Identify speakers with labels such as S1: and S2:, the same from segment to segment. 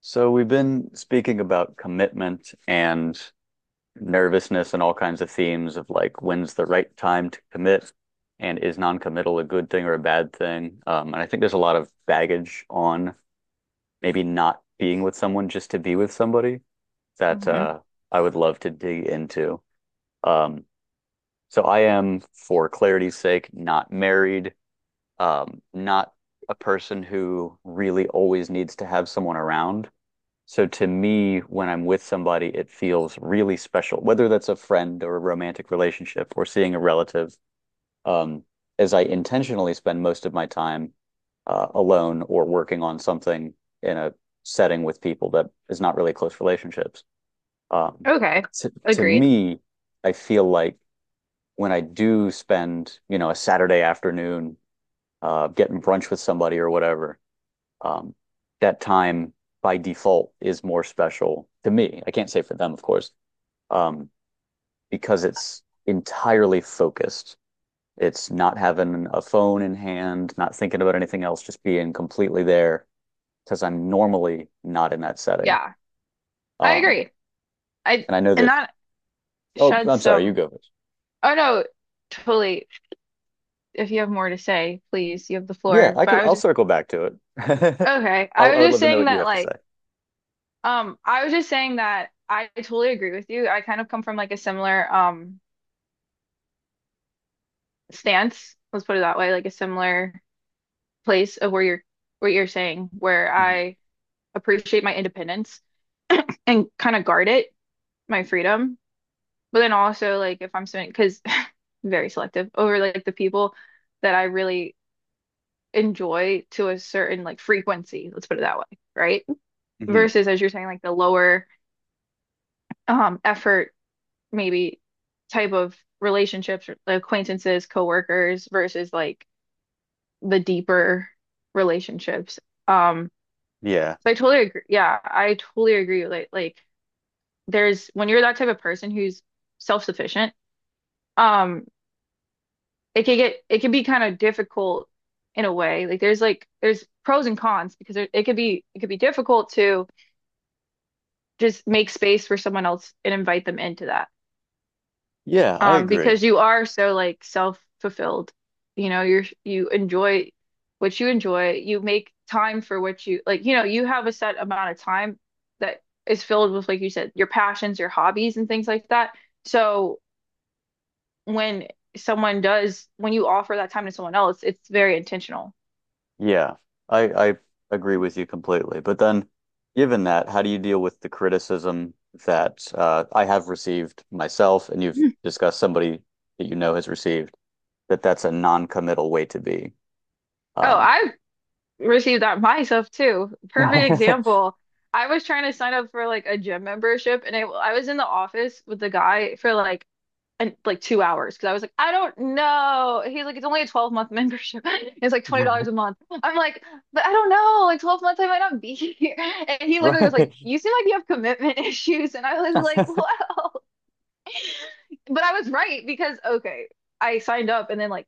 S1: So we've been speaking about commitment and nervousness and all kinds of themes of like when's the right time to commit and is non-committal a good thing or a bad thing? And I think there's a lot of baggage on maybe not being with someone just to be with somebody that
S2: Hmm.
S1: I would love to dig into. Um, so I am, for clarity's sake, not married, not a person who really always needs to have someone around, so to me, when I'm with somebody, it feels really special, whether that's a friend or a romantic relationship or seeing a relative, um, as I intentionally spend most of my time alone or working on something in a setting with people that is not really close relationships. Um,
S2: Okay.
S1: to
S2: Agreed.
S1: me, I feel like when I do spend, a Saturday afternoon getting brunch with somebody or whatever, um, that time by default is more special to me. I can't say for them, of course, um, because it's entirely focused. It's not having a phone in hand, not thinking about anything else, just being completely there because I'm normally not in that setting.
S2: Yeah, I
S1: Um,
S2: agree. I
S1: and I know
S2: and
S1: that,
S2: that
S1: oh,
S2: sheds
S1: I'm sorry, you
S2: some.
S1: go first.
S2: Oh no, totally. If you have more to say, please, you have the
S1: Yeah,
S2: floor.
S1: I
S2: But
S1: could,
S2: I was
S1: I'll
S2: just
S1: circle back to it. I,
S2: okay. I
S1: I
S2: was
S1: would
S2: just
S1: love to know
S2: saying
S1: what you
S2: that
S1: have to
S2: like
S1: say.
S2: I was just saying that I totally agree with you. I kind of come from like a similar stance, let's put it that way, like a similar place of where you're what you're saying, where
S1: Hmm.
S2: I appreciate my independence and kind of guard it, my freedom. But then also like if I'm spending because very selective over like the people that I really enjoy to a certain like frequency, let's put it that way, right?
S1: Hmm.
S2: Versus as you're saying, like the lower effort maybe type of relationships, or acquaintances, coworkers versus like the deeper relationships. Um,
S1: Yeah.
S2: so I totally agree. Yeah, I totally agree. Like there's when you're that type of person who's self-sufficient, um, it can get it can be kind of difficult in a way. Like there's pros and cons because it could be difficult to just make space for someone else and invite them into that.
S1: Yeah, I
S2: Because
S1: agree.
S2: you are so like self-fulfilled. You enjoy what you enjoy. You make time for what you like, you have a set amount of time that is filled with, like you said, your passions, your hobbies and things like that. So when when you offer that time to someone else, it's very intentional.
S1: Yeah, I agree with you completely. But then, given that, how do you deal with the criticism that I have received myself, and you've discussed somebody that you know has received, that that's a non-committal way to be?
S2: Oh,
S1: Um.
S2: I've received that myself too. Perfect example. I was trying to sign up for like a gym membership and I was in the office with the guy for like 2 hours because I was like, I don't know. He's like, it's only a 12-month membership. It's like $20 a month. I'm like, but I don't know. Like 12 months, I might not be here. And he literally was like,
S1: Right.
S2: you seem like you have commitment issues. And I was like, well, but I was right because okay, I signed up and then like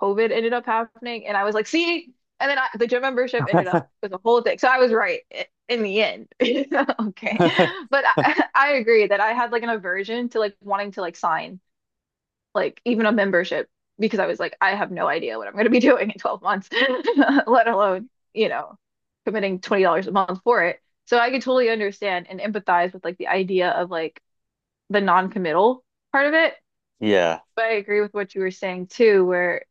S2: COVID ended up happening and I was like, see, and then the gym membership ended up with a whole thing. So I was right in the end. Okay. But I, I agree that I had like an aversion to like wanting to like sign like even a membership because I was like, I have no idea what I'm going to be doing in 12 months, let alone, you know, committing $20 a month for it. So I could totally understand and empathize with like the idea of like the non-committal part of it.
S1: Yeah,
S2: But I agree with what you were saying too, where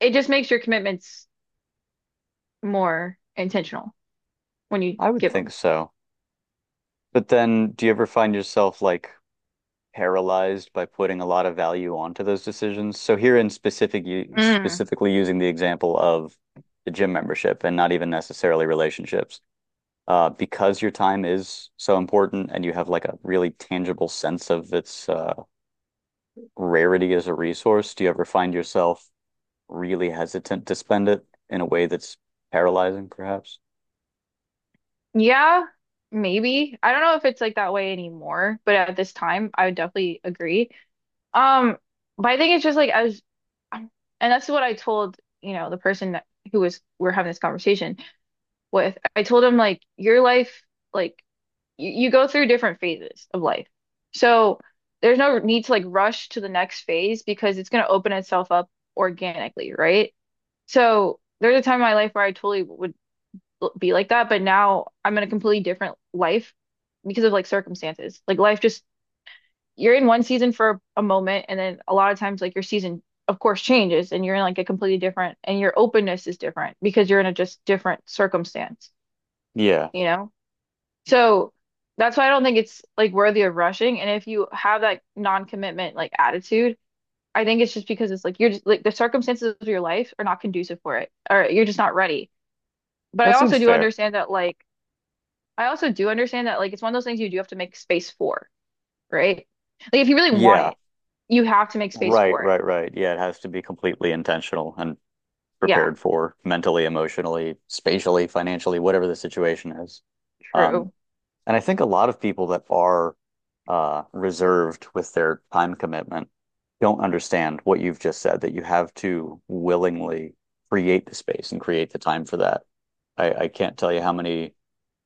S2: it just makes your commitments more intentional when you
S1: I would
S2: give
S1: think
S2: them.
S1: so. But then, do you ever find yourself like paralyzed by putting a lot of value onto those decisions? So here in specific,
S2: Mm.
S1: specifically using the example of the gym membership and not even necessarily relationships, because your time is so important and you have like a really tangible sense of its rarity as a resource, do you ever find yourself really hesitant to spend it in a way that's paralyzing, perhaps?
S2: Yeah, maybe. I don't know if it's like that way anymore, but at this time, I would definitely agree. Um, but I think it's just like um, and that's what I told, the person that who was we're having this conversation with. I told him like your life, like you go through different phases of life. So there's no need to like rush to the next phase because it's going to open itself up organically, right? So there's a time in my life where I totally would be like that, but now I'm in a completely different life because of like circumstances. Like life just, you're in one season for a moment, and then a lot of times like your season, of course, changes and you're in like a completely different, and your openness is different because you're in a just different circumstance,
S1: Yeah,
S2: you know? So that's why I don't think it's like worthy of rushing. And if you have that non-commitment like attitude, I think it's just because it's like you're just like the circumstances of your life are not conducive for it, or you're just not ready. But I
S1: that
S2: also
S1: seems
S2: do
S1: fair.
S2: understand that like it's one of those things you do have to make space for, right? Like if you really want
S1: Yeah,
S2: it, you have to make space
S1: right,
S2: for it.
S1: right, right. Yeah, it has to be completely intentional and
S2: Yeah,
S1: prepared for mentally, emotionally, spatially, financially, whatever the situation is. Um,
S2: true.
S1: and I think a lot of people that are reserved with their time commitment don't understand what you've just said, that you have to willingly create the space and create the time for that. I can't tell you how many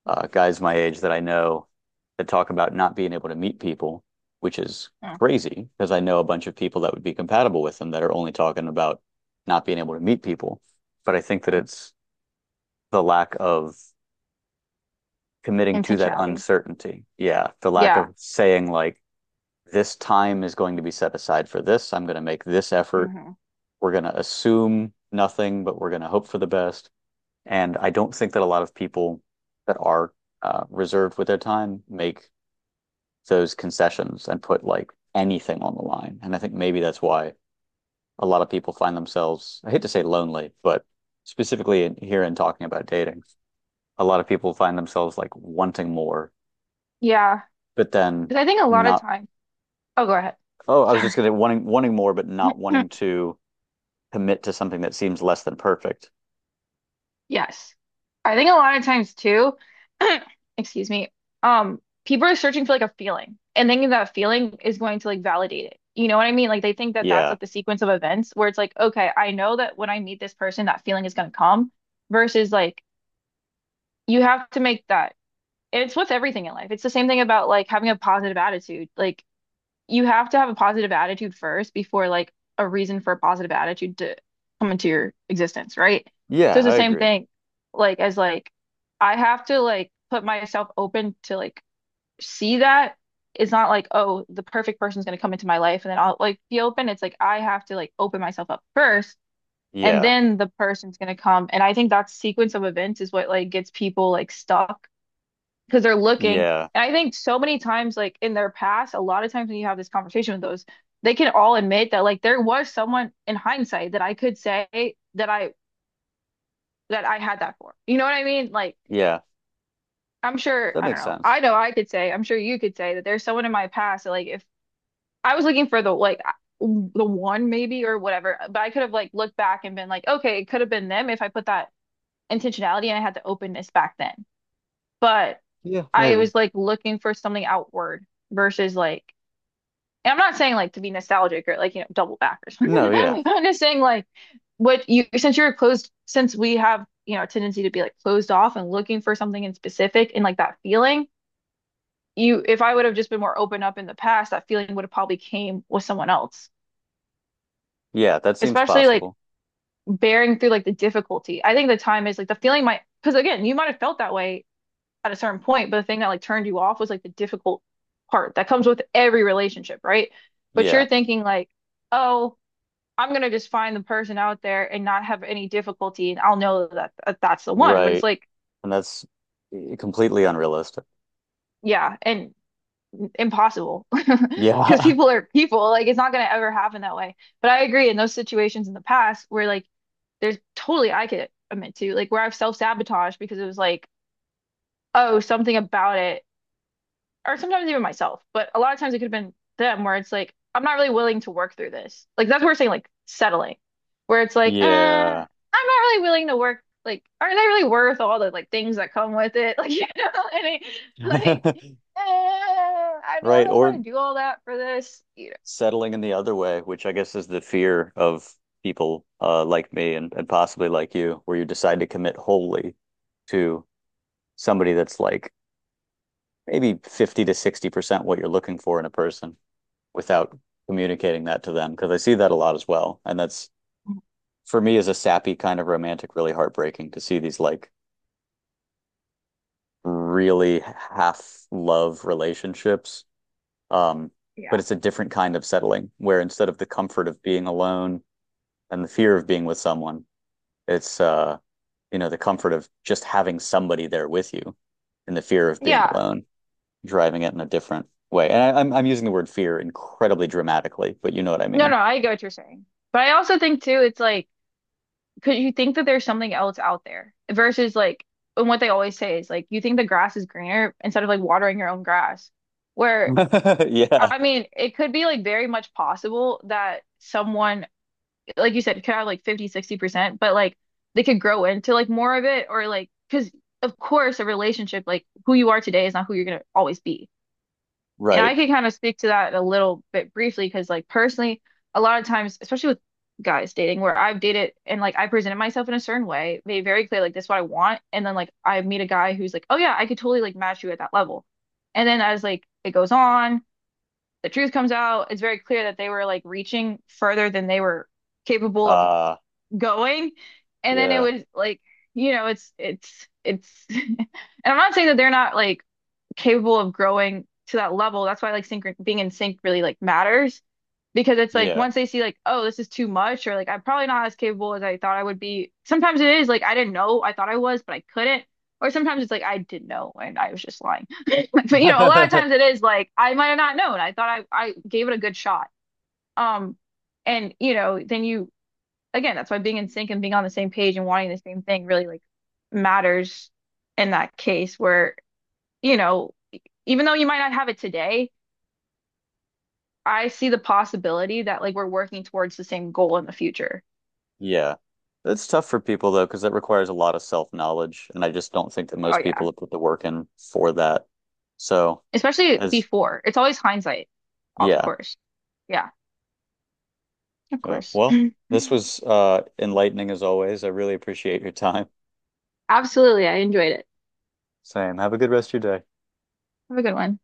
S1: guys my age that I know that talk about not being able to meet people, which is
S2: Mm.
S1: crazy because I know a bunch of people that would be compatible with them that are only talking about not being able to meet people. But I think that it's the lack of committing to that
S2: Intentionality.
S1: uncertainty. Yeah, the lack
S2: Yeah,
S1: of saying, like, this time is going to be set aside for this. I'm going to make this effort.
S2: hmm,
S1: We're going to assume nothing, but we're going to hope for the best. And I don't think that a lot of people that are reserved with their time make those concessions and put like anything on the line. And I think maybe that's why a lot of people find themselves, I hate to say lonely, but specifically in, here in talking about dating, a lot of people find themselves like wanting more,
S2: yeah.
S1: but then
S2: Because I think a lot of
S1: not,
S2: time. Oh, go ahead.
S1: oh, I was just
S2: Sorry.
S1: gonna, wanting more, but not wanting to commit to something that seems less than perfect.
S2: Yes. I think a lot of times too, excuse me, people are searching for like a feeling and thinking that feeling is going to like validate it. You know what I mean? Like they think that that's
S1: Yeah.
S2: like the sequence of events where it's like, okay, I know that when I meet this person, that feeling is going to come versus like you have to make that. And it's with everything in life. It's the same thing about like having a positive attitude. Like you have to have a positive attitude first before like a reason for a positive attitude to come into your existence, right? So
S1: Yeah,
S2: it's the
S1: I
S2: same
S1: agree.
S2: thing, like as like I have to like put myself open to like see that it's not like oh the perfect person's gonna come into my life and then I'll like be open. It's like I have to like open myself up first and
S1: Yeah.
S2: then the person's gonna come. And I think that sequence of events is what like gets people like stuck because they're looking.
S1: Yeah.
S2: And I think so many times, like in their past, a lot of times when you have this conversation with those, they can all admit that like there was someone in hindsight that I could say that I had that for. You know what I mean? Like
S1: Yeah.
S2: I'm sure,
S1: That
S2: I don't
S1: makes
S2: know.
S1: sense.
S2: I know I could say, I'm sure you could say that there's someone in my past that like if I was looking for the one maybe or whatever, but I could have like looked back and been like, okay, it could have been them if I put that intentionality and I had the openness back then. But
S1: Yeah,
S2: I
S1: maybe.
S2: was like looking for something outward versus like, and I'm not saying like to be nostalgic or like, double back or something.
S1: No, yeah.
S2: I'm just saying like what you, since you're closed, since we have, a tendency to be like closed off and looking for something in specific and like that feeling, if I would have just been more open up in the past, that feeling would have probably came with someone else,
S1: Yeah, that seems
S2: especially like
S1: possible.
S2: bearing through like the difficulty. I think the time is like the feeling might, because again, you might have felt that way at a certain point, but the thing that like turned you off was like the difficult part that comes with every relationship, right? But you're
S1: Yeah.
S2: thinking like, oh, I'm gonna just find the person out there and not have any difficulty, and I'll know that's the one. But it's
S1: Right.
S2: like,
S1: And that's completely unrealistic.
S2: yeah, and impossible because
S1: Yeah.
S2: people are people. Like it's not gonna ever happen that way. But I agree in those situations in the past where like there's totally I could admit to like where I've self-sabotaged because it was like, oh, something about it or sometimes even myself, but a lot of times it could have been them where it's like, I'm not really willing to work through this. Like that's what we're saying, like settling, where it's like, I'm
S1: Yeah.
S2: not really willing to work. Like, are they really worth all the like things that come with it? Like, and it, like, I
S1: Right.
S2: really want
S1: Or
S2: to do all that for this? You
S1: settling in the other way, which I guess is the fear of people, like me and possibly like you, where you decide to commit wholly to somebody that's like maybe 50 to 60% what you're looking for in a person without communicating that to them. Because I see that a lot as well. And that's
S2: know,
S1: for me as a sappy kind of romantic, really heartbreaking to see these like really half love relationships. Um, but
S2: yeah,
S1: it's a different kind of settling where instead of the comfort of being alone and the fear of being with someone, it's, you know, the comfort of just having somebody there with you and the fear of being
S2: yeah.
S1: alone, driving it in a different way. And I, I'm using the word fear incredibly dramatically, but you know what I
S2: No,
S1: mean.
S2: no, I get what you're saying, but I also think too, it's like because you think that there's something else out there versus like, and what they always say is like, you think the grass is greener instead of like watering your own grass. Where,
S1: Yeah,
S2: I mean, it could be like very much possible that someone, like you said, could have like 50, 60% but like they could grow into like more of it or like, because of course, a relationship, like who you are today is not who you're going to always be. And
S1: right.
S2: I can kind of speak to that a little bit briefly because, like, personally, a lot of times, especially with guys dating, where I've dated and like I presented myself in a certain way, made very clear, like, this is what I want. And then, like, I meet a guy who's like, oh, yeah, I could totally like match you at that level. And then, as like it goes on, the truth comes out, it's very clear that they were like reaching further than they were capable of
S1: Uh,
S2: going. And then it
S1: yeah,
S2: was like, you know, it's, and I'm not saying that they're not like, capable of growing to that level. That's why like sync being in sync really like matters because it's like
S1: yeah.
S2: once they see like, oh, this is too much, or like I'm probably not as capable as I thought I would be. Sometimes it is like I didn't know I thought I was, but I couldn't. Or sometimes it's like I did not know and I was just lying. But you know, a lot of times it is like I might have not known. I thought I gave it a good shot. Um, and you know, then you again, that's why being in sync and being on the same page and wanting the same thing really like matters in that case where you know, even though you might not have it today, I see the possibility that like we're working towards the same goal in the future.
S1: Yeah. It's tough for people though, because that requires a lot of self-knowledge, and I just don't think that
S2: Oh
S1: most people
S2: yeah.
S1: have put the work in for that. So.
S2: Especially
S1: As
S2: before. It's always hindsight, of
S1: yeah.
S2: course. Yeah, of
S1: Uh,
S2: course.
S1: well, this was enlightening as always. I really appreciate your time.
S2: Absolutely. I enjoyed it.
S1: Same. Have a good rest of your day.
S2: Have a good one.